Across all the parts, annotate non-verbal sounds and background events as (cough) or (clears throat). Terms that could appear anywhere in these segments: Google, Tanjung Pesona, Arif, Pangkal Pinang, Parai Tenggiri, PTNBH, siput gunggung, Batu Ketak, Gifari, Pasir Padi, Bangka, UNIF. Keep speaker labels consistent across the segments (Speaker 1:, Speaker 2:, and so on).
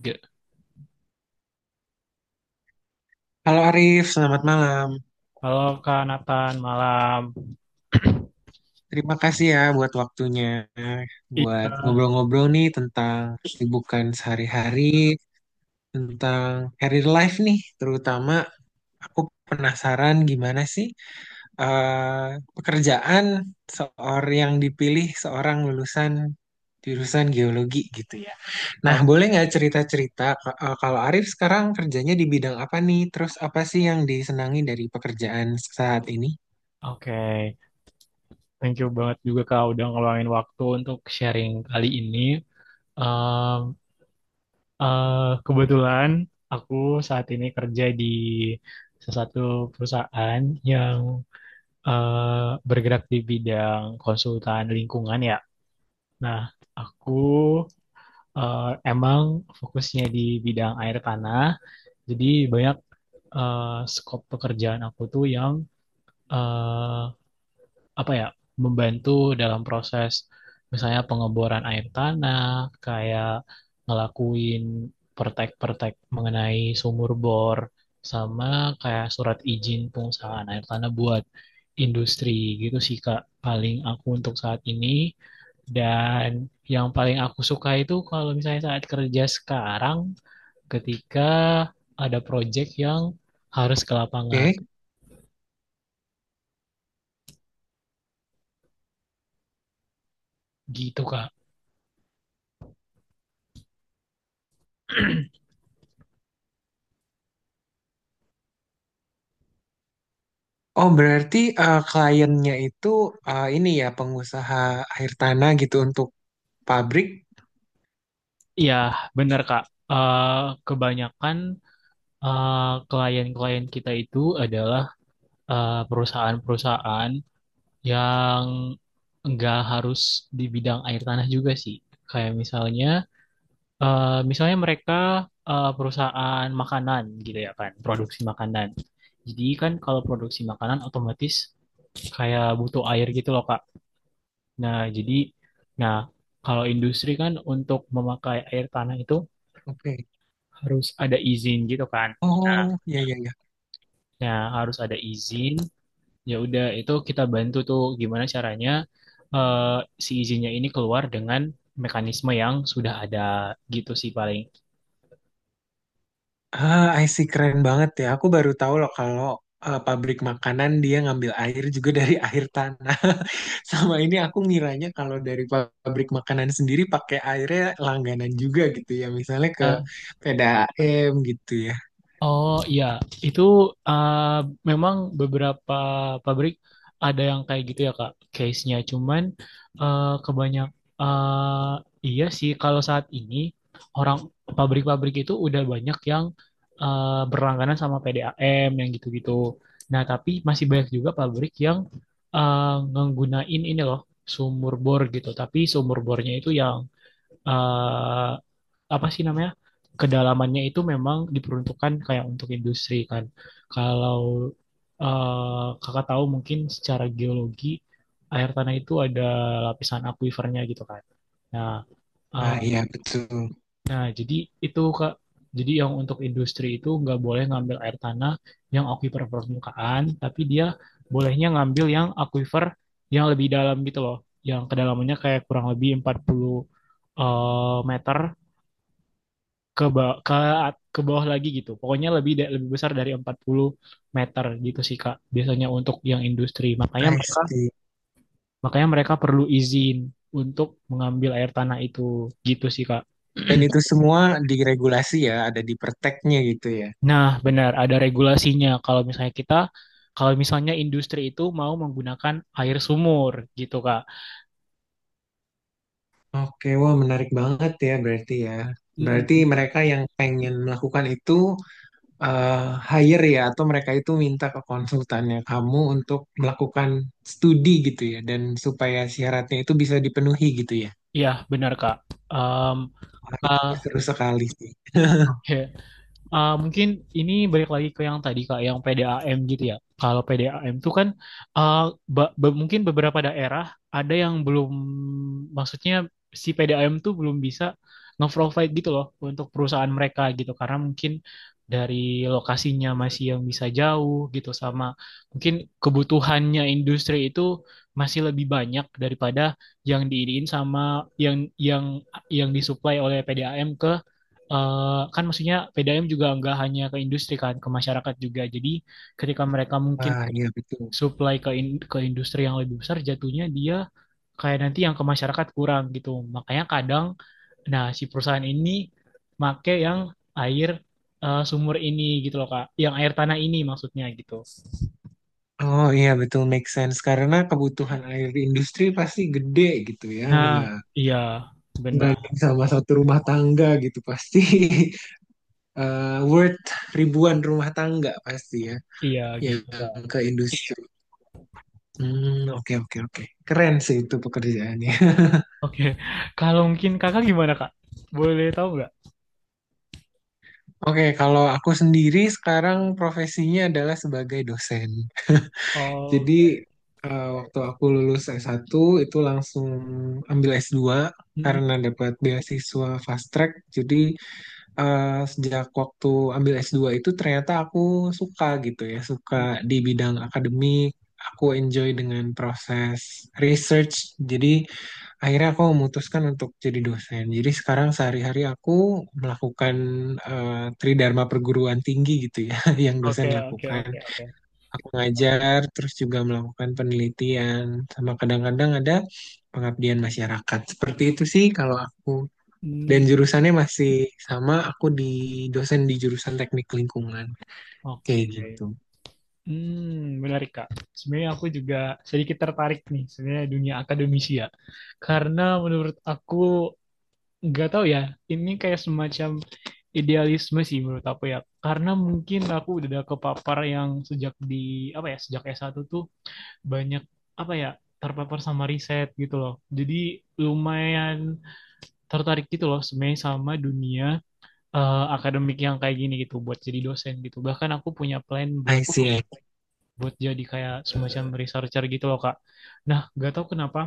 Speaker 1: Oke.
Speaker 2: Halo Arif, selamat malam.
Speaker 1: Halo Kak Nathan, malam. (clears throat)
Speaker 2: Terima kasih ya buat waktunya, buat
Speaker 1: Iya,
Speaker 2: ngobrol-ngobrol nih tentang kesibukan sehari-hari, tentang career life nih, terutama aku penasaran gimana sih pekerjaan seorang yang dipilih seorang lulusan jurusan geologi gitu ya. Nah,
Speaker 1: oke.
Speaker 2: boleh nggak cerita-cerita kalau Arif sekarang kerjanya di bidang apa nih? Terus apa sih yang disenangi dari pekerjaan saat ini?
Speaker 1: Oke. Thank you banget juga Kak udah ngeluangin waktu untuk sharing kali ini. Em, eh, kebetulan aku saat ini kerja di salah satu perusahaan yang bergerak di bidang konsultan lingkungan ya. Nah, aku eh, emang fokusnya di bidang air tanah, jadi banyak eh, skop pekerjaan aku tuh yang eh, apa ya membantu dalam proses misalnya pengeboran air tanah, kayak ngelakuin pertek-pertek mengenai sumur bor, sama kayak surat izin pengusahaan air tanah buat industri gitu sih Kak paling aku untuk saat ini, dan yang paling aku suka itu kalau misalnya saat kerja sekarang ketika ada project yang harus ke lapangan.
Speaker 2: Oke.
Speaker 1: Gitu, Kak.
Speaker 2: Oh, berarti kliennya itu eh, ini ya pengusaha air tanah gitu untuk pabrik.
Speaker 1: Iya, benar, Kak. Eh, kebanyakan klien-klien kita itu adalah perusahaan-perusahaan yang nggak harus di bidang air tanah juga sih. Kayak misalnya mereka perusahaan makanan gitu ya kan, produksi makanan. Jadi kan kalau produksi makanan otomatis kayak butuh air gitu loh, Kak. Nah, jadi, nah kalau industri kan untuk memakai air tanah itu
Speaker 2: Oke.
Speaker 1: harus ada izin gitu kan. Nah,
Speaker 2: Oh, ya ya ya.
Speaker 1: ya harus ada izin. Ya udah, itu kita bantu tuh gimana caranya eh, si izinnya ini keluar dengan mekanisme yang sudah ada gitu sih paling.
Speaker 2: Ah, I see, keren banget ya. Aku baru tahu loh kalau pabrik makanan dia ngambil air juga dari (laughs) air tanah. (laughs) Sama ini aku ngiranya kalau dari pabrik makanan sendiri pakai airnya langganan juga gitu ya. Misalnya ke
Speaker 1: Eh,
Speaker 2: P D A m gitu ya.
Speaker 1: Oh iya, itu uh, memang beberapa pabrik ada yang kayak gitu ya Kak, case-nya. Cuman kebanyak uh, iya sih kalau saat ini orang pabrik-pabrik itu udah banyak yang berlangganan sama PDAM yang gitu-gitu. Nah, tapi masih banyak juga pabrik yang ngenggunain ini loh, sumur bor gitu. Tapi sumur bornya itu yang eh, apa sih namanya, kedalamannya itu memang diperuntukkan kayak untuk industri kan. Kalau kakak tahu mungkin, secara geologi air tanah itu ada lapisan akuifernya gitu kan. Nah, eh,
Speaker 2: Ah, iya betul.
Speaker 1: nah, jadi itu Kak, jadi yang untuk industri itu nggak boleh ngambil air tanah yang akuifer permukaan, tapi dia bolehnya ngambil yang akuifer yang lebih dalam gitu loh, yang kedalamannya kayak kurang lebih 40 meter ke ba- ke bawah lagi gitu. Pokoknya lebih besar dari 40 meter gitu sih Kak. Biasanya untuk yang industri.
Speaker 2: I see.
Speaker 1: Makanya mereka perlu izin untuk mengambil air tanah itu gitu sih Kak.
Speaker 2: Dan itu
Speaker 1: (clears throat)
Speaker 2: semua diregulasi ya, ada di perteknya gitu ya.
Speaker 1: Nah, benar ada regulasinya kalau misalnya industri itu mau menggunakan air sumur gitu Kak.
Speaker 2: Oke, wah menarik banget ya. Berarti
Speaker 1: Mm-mm.
Speaker 2: mereka yang pengen melakukan itu eh, hire ya atau mereka itu minta ke konsultannya kamu untuk melakukan studi gitu ya dan supaya syaratnya itu bisa dipenuhi gitu ya.
Speaker 1: Iya, benar Kak. Em,
Speaker 2: Wah, itu
Speaker 1: Kak,
Speaker 2: seru sekali sih. (laughs)
Speaker 1: ya. Ah, mungkin ini balik lagi ke yang tadi Kak, yang PDAM gitu ya. Kalau PDAM tuh kan, ah, mungkin beberapa daerah ada yang belum, maksudnya si PDAM tuh belum bisa nge-provide gitu loh untuk perusahaan mereka gitu. Karena mungkin dari lokasinya masih yang bisa jauh gitu, sama mungkin kebutuhannya industri itu masih lebih banyak daripada yang diiriin sama yang yang disuplai oleh PDAM ke eh, kan maksudnya PDAM juga nggak hanya ke industri kan, ke masyarakat juga. Jadi ketika mereka mungkin
Speaker 2: Wah, iya betul.
Speaker 1: supply ke industri yang lebih besar, jatuhnya dia kayak nanti yang ke masyarakat kurang gitu. Makanya kadang, nah si perusahaan ini make yang air sumur ini gitu loh Kak, yang air tanah ini maksudnya gitu.
Speaker 2: Oh iya betul, make sense karena kebutuhan air industri pasti gede gitu ya,
Speaker 1: Nah,
Speaker 2: nggak
Speaker 1: iya benar,
Speaker 2: banding sama satu rumah tangga gitu pasti (laughs) worth ribuan rumah tangga pasti ya.
Speaker 1: iya
Speaker 2: Yang
Speaker 1: gitu Kak.
Speaker 2: ke industri. Hmm, oke oke oke. Keren sih itu pekerjaannya. (laughs)
Speaker 1: Oke, kalau mungkin Kakak gimana Kak? Boleh tahu nggak?
Speaker 2: Oke, kalau aku sendiri sekarang profesinya adalah sebagai dosen.
Speaker 1: Oh,
Speaker 2: Jadi
Speaker 1: oke.
Speaker 2: waktu aku lulus S1 itu langsung ambil S2
Speaker 1: Mm,
Speaker 2: karena dapat beasiswa fast track. Jadi sejak waktu ambil S2 itu ternyata aku suka gitu ya, suka
Speaker 1: mm.
Speaker 2: di bidang akademik. Aku enjoy dengan proses research. Jadi akhirnya aku memutuskan untuk jadi dosen. Jadi sekarang sehari-hari aku melakukan eh, tridharma perguruan tinggi gitu ya, (laughs) yang
Speaker 1: Oke,
Speaker 2: dosen
Speaker 1: oke, oke.
Speaker 2: lakukan.
Speaker 1: Oke.
Speaker 2: Aku ngajar, terus juga melakukan penelitian, sama kadang-kadang ada pengabdian masyarakat. Seperti itu sih kalau aku. Dan
Speaker 1: Hmm,
Speaker 2: jurusannya masih sama, aku di dosen di jurusan teknik lingkungan, kayak
Speaker 1: oke.
Speaker 2: gitu.
Speaker 1: Hmm, menarik Kak. Sebenarnya aku juga sedikit tertarik nih, sebenarnya dunia akademisi ya. Karena menurut aku, nggak tahu ya, ini kayak semacam idealisme sih menurut aku ya. Karena mungkin aku udah ada kepapar yang sejak di apa ya, sejak s satu tuh banyak apa ya, terpapar sama riset gitu loh. Jadi lumayan tertarik gitu loh sebenarnya sama dunia akademik yang kayak gini gitu buat jadi dosen gitu. Bahkan aku punya plan
Speaker 2: I
Speaker 1: buat
Speaker 2: see.
Speaker 1: buat jadi kayak semacam researcher gitu loh Kak. Nah, gak tahu kenapa,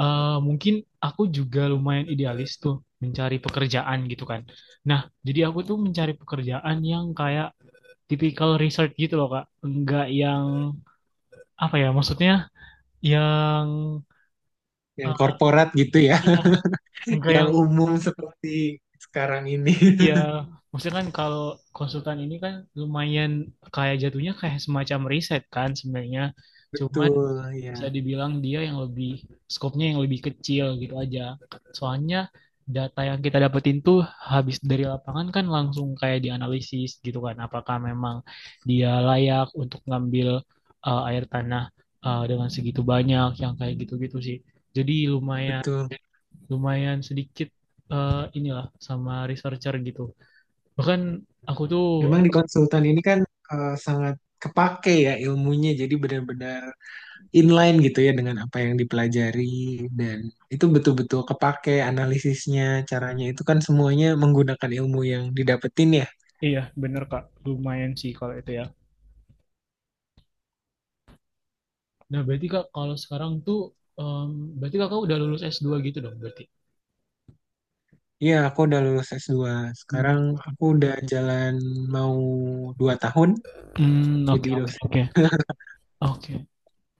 Speaker 1: mungkin aku juga lumayan idealis tuh mencari pekerjaan gitu kan. Nah, jadi aku tuh mencari pekerjaan yang kayak typical research gitu loh Kak. Enggak yang, apa ya, maksudnya yang,
Speaker 2: Yang
Speaker 1: eh,
Speaker 2: korporat gitu ya,
Speaker 1: iya,
Speaker 2: (laughs)
Speaker 1: enggak
Speaker 2: yang
Speaker 1: yang,
Speaker 2: umum seperti sekarang ini.
Speaker 1: iya maksudnya kan kalau konsultan ini kan lumayan kayak jatuhnya kayak semacam riset kan sebenarnya.
Speaker 2: (laughs)
Speaker 1: Cuman
Speaker 2: Betul, ya.
Speaker 1: bisa dibilang dia yang lebih skopnya yang lebih kecil gitu aja. Soalnya data yang kita dapetin tuh habis dari lapangan kan langsung kayak dianalisis gitu kan. Apakah memang dia layak untuk ngambil air tanah dengan segitu banyak yang kayak gitu-gitu sih. Jadi lumayan
Speaker 2: Betul.
Speaker 1: lumayan sedikit inilah sama researcher gitu. Bahkan aku tuh,
Speaker 2: Memang di konsultan ini kan sangat kepake ya ilmunya, jadi benar-benar inline gitu ya dengan apa yang dipelajari dan itu betul-betul kepake analisisnya, caranya itu kan semuanya menggunakan ilmu yang didapetin ya.
Speaker 1: iya bener Kak, lumayan sih kalau itu ya. Nah, berarti Kak, kalau sekarang tuh, em, berarti Kakak udah lulus s dua gitu dong, berarti.
Speaker 2: Iya, aku udah lulus S2.
Speaker 1: Hmm,
Speaker 2: Sekarang aku udah jalan mau 2 tahun
Speaker 1: hmm, oke,
Speaker 2: jadi
Speaker 1: oke,
Speaker 2: dosen.
Speaker 1: oke.
Speaker 2: (laughs)
Speaker 1: Oke.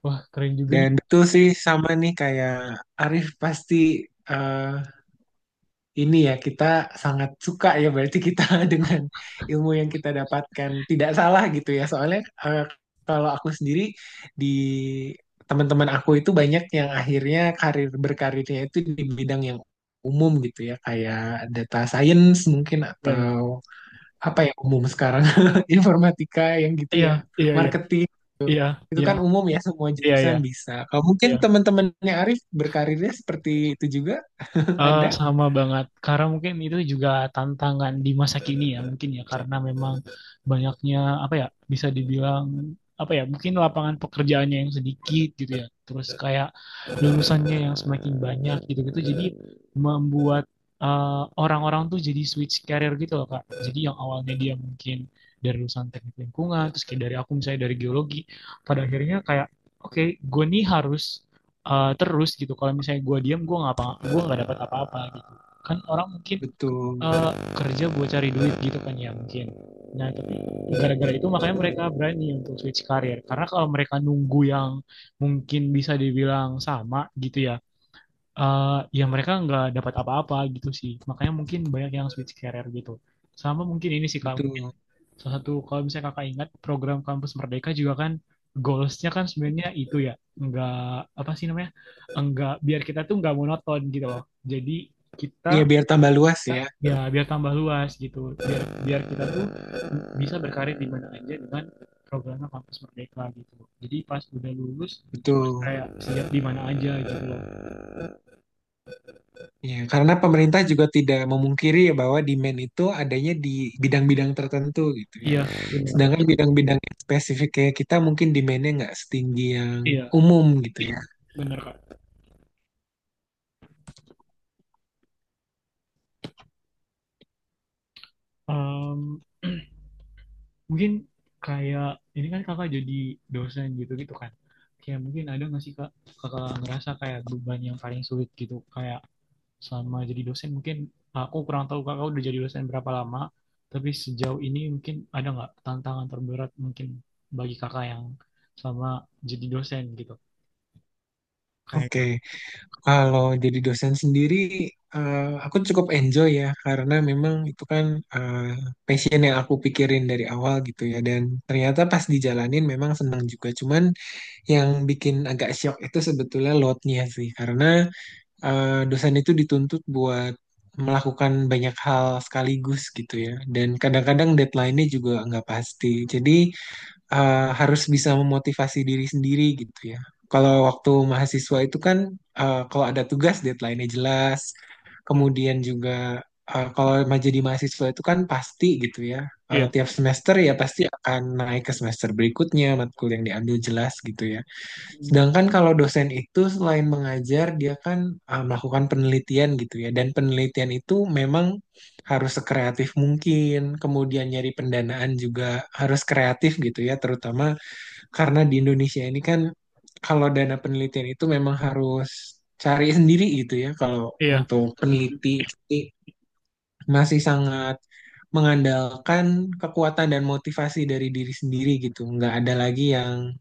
Speaker 1: Wah, keren juga
Speaker 2: Dan
Speaker 1: nih.
Speaker 2: betul sih, sama nih kayak Arif pasti eh, ini ya kita sangat suka ya berarti kita (laughs) dengan ilmu yang kita dapatkan tidak salah gitu ya soalnya eh, kalau aku sendiri di teman-teman aku itu banyak yang akhirnya karir berkarirnya itu di bidang yang umum gitu ya kayak data science mungkin
Speaker 1: Iya, iya.
Speaker 2: atau apa ya umum sekarang, (laughs) informatika yang gitu
Speaker 1: Iya,
Speaker 2: ya,
Speaker 1: iya, iya.
Speaker 2: marketing,
Speaker 1: Iya,
Speaker 2: itu
Speaker 1: iya.
Speaker 2: kan umum ya semua
Speaker 1: Iya, iya.
Speaker 2: jurusan bisa, kalau mungkin
Speaker 1: Iya.
Speaker 2: teman-temannya Arif berkarirnya seperti itu juga. (laughs)
Speaker 1: Eh,
Speaker 2: Ada
Speaker 1: sama banget. Karena mungkin itu juga tantangan di masa kini ya mungkin ya, karena memang banyaknya apa ya, bisa dibilang apa ya, mungkin lapangan pekerjaannya yang sedikit gitu ya. Terus kayak lulusannya yang semakin banyak gitu-gitu. Jadi membuat orang-orang tuh jadi switch career gitu loh Kak. Jadi yang awalnya dia mungkin dari lulusan teknik lingkungan, terus kayak dari aku misalnya dari geologi, pada akhirnya kayak oke gue nih harus terus gitu. Kalau misalnya gue diam, gue nggak apa, gue nggak dapat apa-apa gitu. Kan orang mungkin
Speaker 2: betul.
Speaker 1: eh, kerja buat cari duit gitu kan ya mungkin. Nah tapi gara-gara itu makanya mereka berani untuk switch karir. Karena kalau mereka nunggu yang mungkin bisa dibilang sama gitu ya, ya mereka nggak dapat apa-apa gitu sih. Makanya mungkin banyak yang switch karir gitu. Sama mungkin ini sih Kak,
Speaker 2: Betul.
Speaker 1: salah satu, kalau misalnya kakak ingat program Kampus Merdeka juga kan, goalsnya kan sebenarnya itu ya, enggak apa sih namanya, enggak biar kita tuh enggak monoton gitu loh, jadi kita
Speaker 2: Iya biar tambah luas ya,
Speaker 1: ya biar tambah luas gitu, biar biar kita tuh bisa berkarir di mana aja dengan programnya Kampus Merdeka gitu, jadi pas udah lulus
Speaker 2: betul.
Speaker 1: kayak siap di mana aja gitu loh.
Speaker 2: Iya, karena pemerintah juga tidak memungkiri ya bahwa demand itu adanya di bidang-bidang tertentu gitu ya.
Speaker 1: Iya benar,
Speaker 2: Sedangkan bidang-bidang yang spesifik kayak kita mungkin demandnya nggak setinggi yang
Speaker 1: iya
Speaker 2: umum gitu ya.
Speaker 1: benar Kak. Em, (clears throat) Mungkin kayak ini kan, kakak jadi dosen gitu gitu kan, kayak mungkin ada nggak sih Kak, kakak ngerasa kayak beban yang paling sulit gitu, kayak selama jadi dosen. Mungkin aku kurang tahu kakak udah jadi dosen berapa lama, tapi sejauh ini mungkin ada nggak tantangan terberat mungkin bagi kakak yang selama jadi dosen gitu kayak.
Speaker 2: Oke, kalau jadi dosen sendiri, aku cukup enjoy ya karena memang itu kan eh, passion yang aku pikirin dari awal gitu ya. Dan ternyata pas dijalanin memang senang juga. Cuman yang bikin agak shock itu sebetulnya loadnya sih karena dosen itu dituntut buat melakukan banyak hal sekaligus gitu ya. Dan kadang-kadang deadline-nya juga nggak pasti. Jadi harus bisa memotivasi diri sendiri gitu ya. Kalau waktu mahasiswa itu kan kalau ada tugas deadline-nya jelas.
Speaker 1: Hmm,
Speaker 2: Kemudian juga jadi mahasiswa itu kan pasti gitu ya.
Speaker 1: iya.
Speaker 2: Tiap semester ya pasti akan naik ke semester berikutnya, matkul yang diambil jelas gitu ya.
Speaker 1: Hmm,
Speaker 2: Sedangkan kalau dosen itu selain mengajar, dia kan melakukan penelitian gitu ya. Dan penelitian itu memang harus sekreatif mungkin. Kemudian nyari pendanaan juga harus kreatif gitu ya. Terutama karena di Indonesia ini kan kalau dana penelitian itu memang harus cari sendiri gitu ya. Kalau
Speaker 1: iya.
Speaker 2: untuk
Speaker 1: Hmm,
Speaker 2: peneliti ini masih sangat mengandalkan kekuatan dan motivasi dari diri sendiri gitu.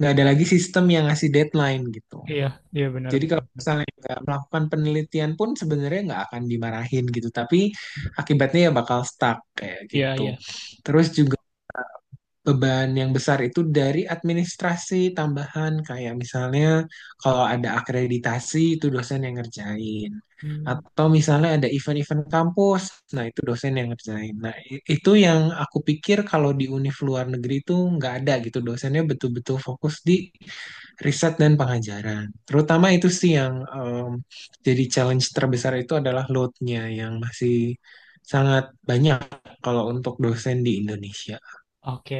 Speaker 2: Nggak ada lagi sistem yang ngasih deadline gitu.
Speaker 1: iya, iya, benar,
Speaker 2: Jadi
Speaker 1: benar,
Speaker 2: kalau
Speaker 1: benar.
Speaker 2: misalnya nggak melakukan penelitian pun sebenarnya nggak akan dimarahin gitu, tapi akibatnya ya bakal stuck kayak
Speaker 1: Iya, iya.
Speaker 2: gitu. Terus juga beban yang besar itu dari administrasi tambahan kayak misalnya kalau ada akreditasi itu dosen yang ngerjain.
Speaker 1: Hmm,
Speaker 2: Atau misalnya ada event-event kampus, nah itu dosen yang ngerjain. Itu yang aku pikir kalau di univ luar negeri itu nggak ada gitu, dosennya betul-betul fokus di riset dan pengajaran. Terutama itu sih yang jadi challenge terbesar itu adalah load-nya yang masih sangat banyak kalau untuk dosen di Indonesia.
Speaker 1: oke.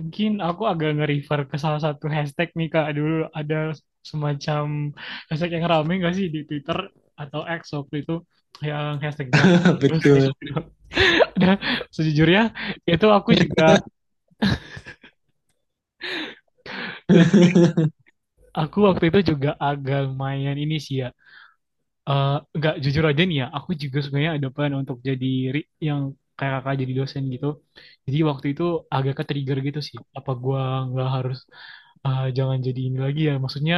Speaker 1: Mungkin aku agak nge-refer ke salah satu hashtag nih Kak. Dulu ada semacam hashtag yang rame gak sih di Twitter atau X waktu itu, yang hashtag jam.
Speaker 2: (laughs)
Speaker 1: Terus saya
Speaker 2: Betul.
Speaker 1: juga- (laughs) Dan sejujurnya itu aku juga,
Speaker 2: (laughs)
Speaker 1: aku waktu itu juga agak lumayan ini sih ya. Eh, nggak, jujur aja nih ya, aku juga sebenarnya ada plan untuk jadi yang kayak kakak jadi dosen gitu. Jadi waktu itu agak ke trigger gitu sih. Apa gua nggak harus, jangan jadi ini lagi ya. Maksudnya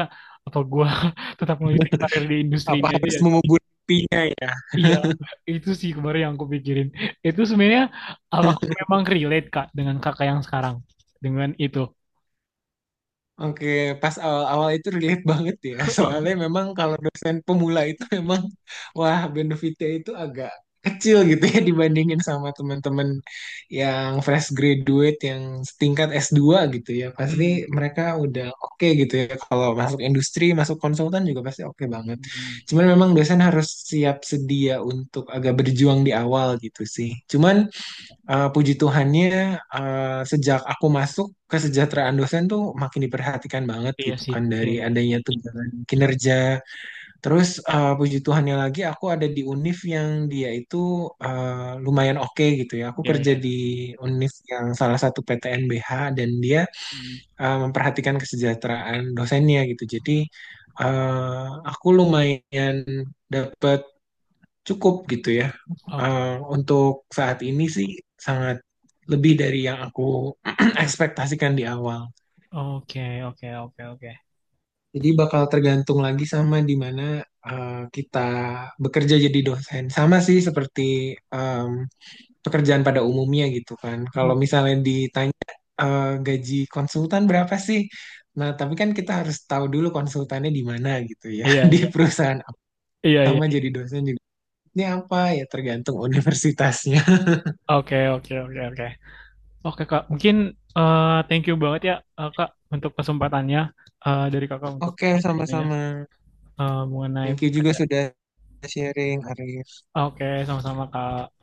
Speaker 1: apa gua (laughs) tetap melanjutkan karir di industri
Speaker 2: Apa
Speaker 1: ini aja
Speaker 2: harus
Speaker 1: ya?
Speaker 2: mengubur pipinya ya?
Speaker 1: Iya, itu sih kemarin yang aku pikirin. Itu sebenarnya apakah memang relate Kak dengan kakak yang sekarang? Dengan itu.
Speaker 2: Oke, pas awal-awal itu relate banget ya. (laughs) Soalnya
Speaker 1: (laughs)
Speaker 2: memang kalau dosen pemula itu memang wah benefitnya itu agak kecil gitu ya (laughs) dibandingin sama teman-teman yang fresh graduate yang setingkat S2 gitu ya.
Speaker 1: Hmm.
Speaker 2: Pasti mereka udah oke gitu ya. Kalau masuk industri, masuk konsultan juga pasti oke banget.
Speaker 1: Hmm.
Speaker 2: Cuman memang dosen harus siap sedia untuk agak berjuang di awal gitu sih. Cuman puji Tuhannya, sejak aku masuk kesejahteraan dosen tuh makin diperhatikan banget
Speaker 1: Iya
Speaker 2: gitu
Speaker 1: sih.
Speaker 2: kan
Speaker 1: Iya,
Speaker 2: dari
Speaker 1: iya.
Speaker 2: adanya tunjangan kinerja. Terus puji Tuhannya lagi aku ada di UNIF yang dia itu lumayan oke gitu ya. Aku
Speaker 1: Iya,
Speaker 2: kerja
Speaker 1: iya.
Speaker 2: di UNIF yang salah satu PTNBH dan dia
Speaker 1: Hmm.
Speaker 2: memperhatikan kesejahteraan dosennya gitu. Jadi eh, aku lumayan dapat cukup gitu ya.
Speaker 1: Oke.
Speaker 2: Eh, untuk saat ini sih sangat lebih dari yang aku (clears throat) ekspektasikan di awal.
Speaker 1: Oke, oke, oke, oke.
Speaker 2: Jadi bakal tergantung lagi sama di mana kita bekerja jadi dosen. Sama sih seperti em, pekerjaan pada umumnya gitu kan. Kalau
Speaker 1: Hmm.
Speaker 2: misalnya ditanya gaji konsultan berapa sih? Nah, tapi kan kita harus tahu dulu konsultannya di mana gitu ya.
Speaker 1: Iya,
Speaker 2: (laughs) Di
Speaker 1: iya.
Speaker 2: perusahaan apa,
Speaker 1: Iya, iya.
Speaker 2: sama jadi dosen juga. Ini apa ya tergantung (laughs) universitasnya.
Speaker 1: Oke, oke, oke, oke. Oke, Kak. Mungkin thank you banget ya, Kak, untuk kesempatannya, dari Kakak untuk
Speaker 2: Oke,
Speaker 1: ngobrolnya.
Speaker 2: sama-sama.
Speaker 1: eh, mengenai
Speaker 2: Thank you juga
Speaker 1: pekerja-
Speaker 2: sudah sharing, Arif.
Speaker 1: Oke, sama-sama Kak.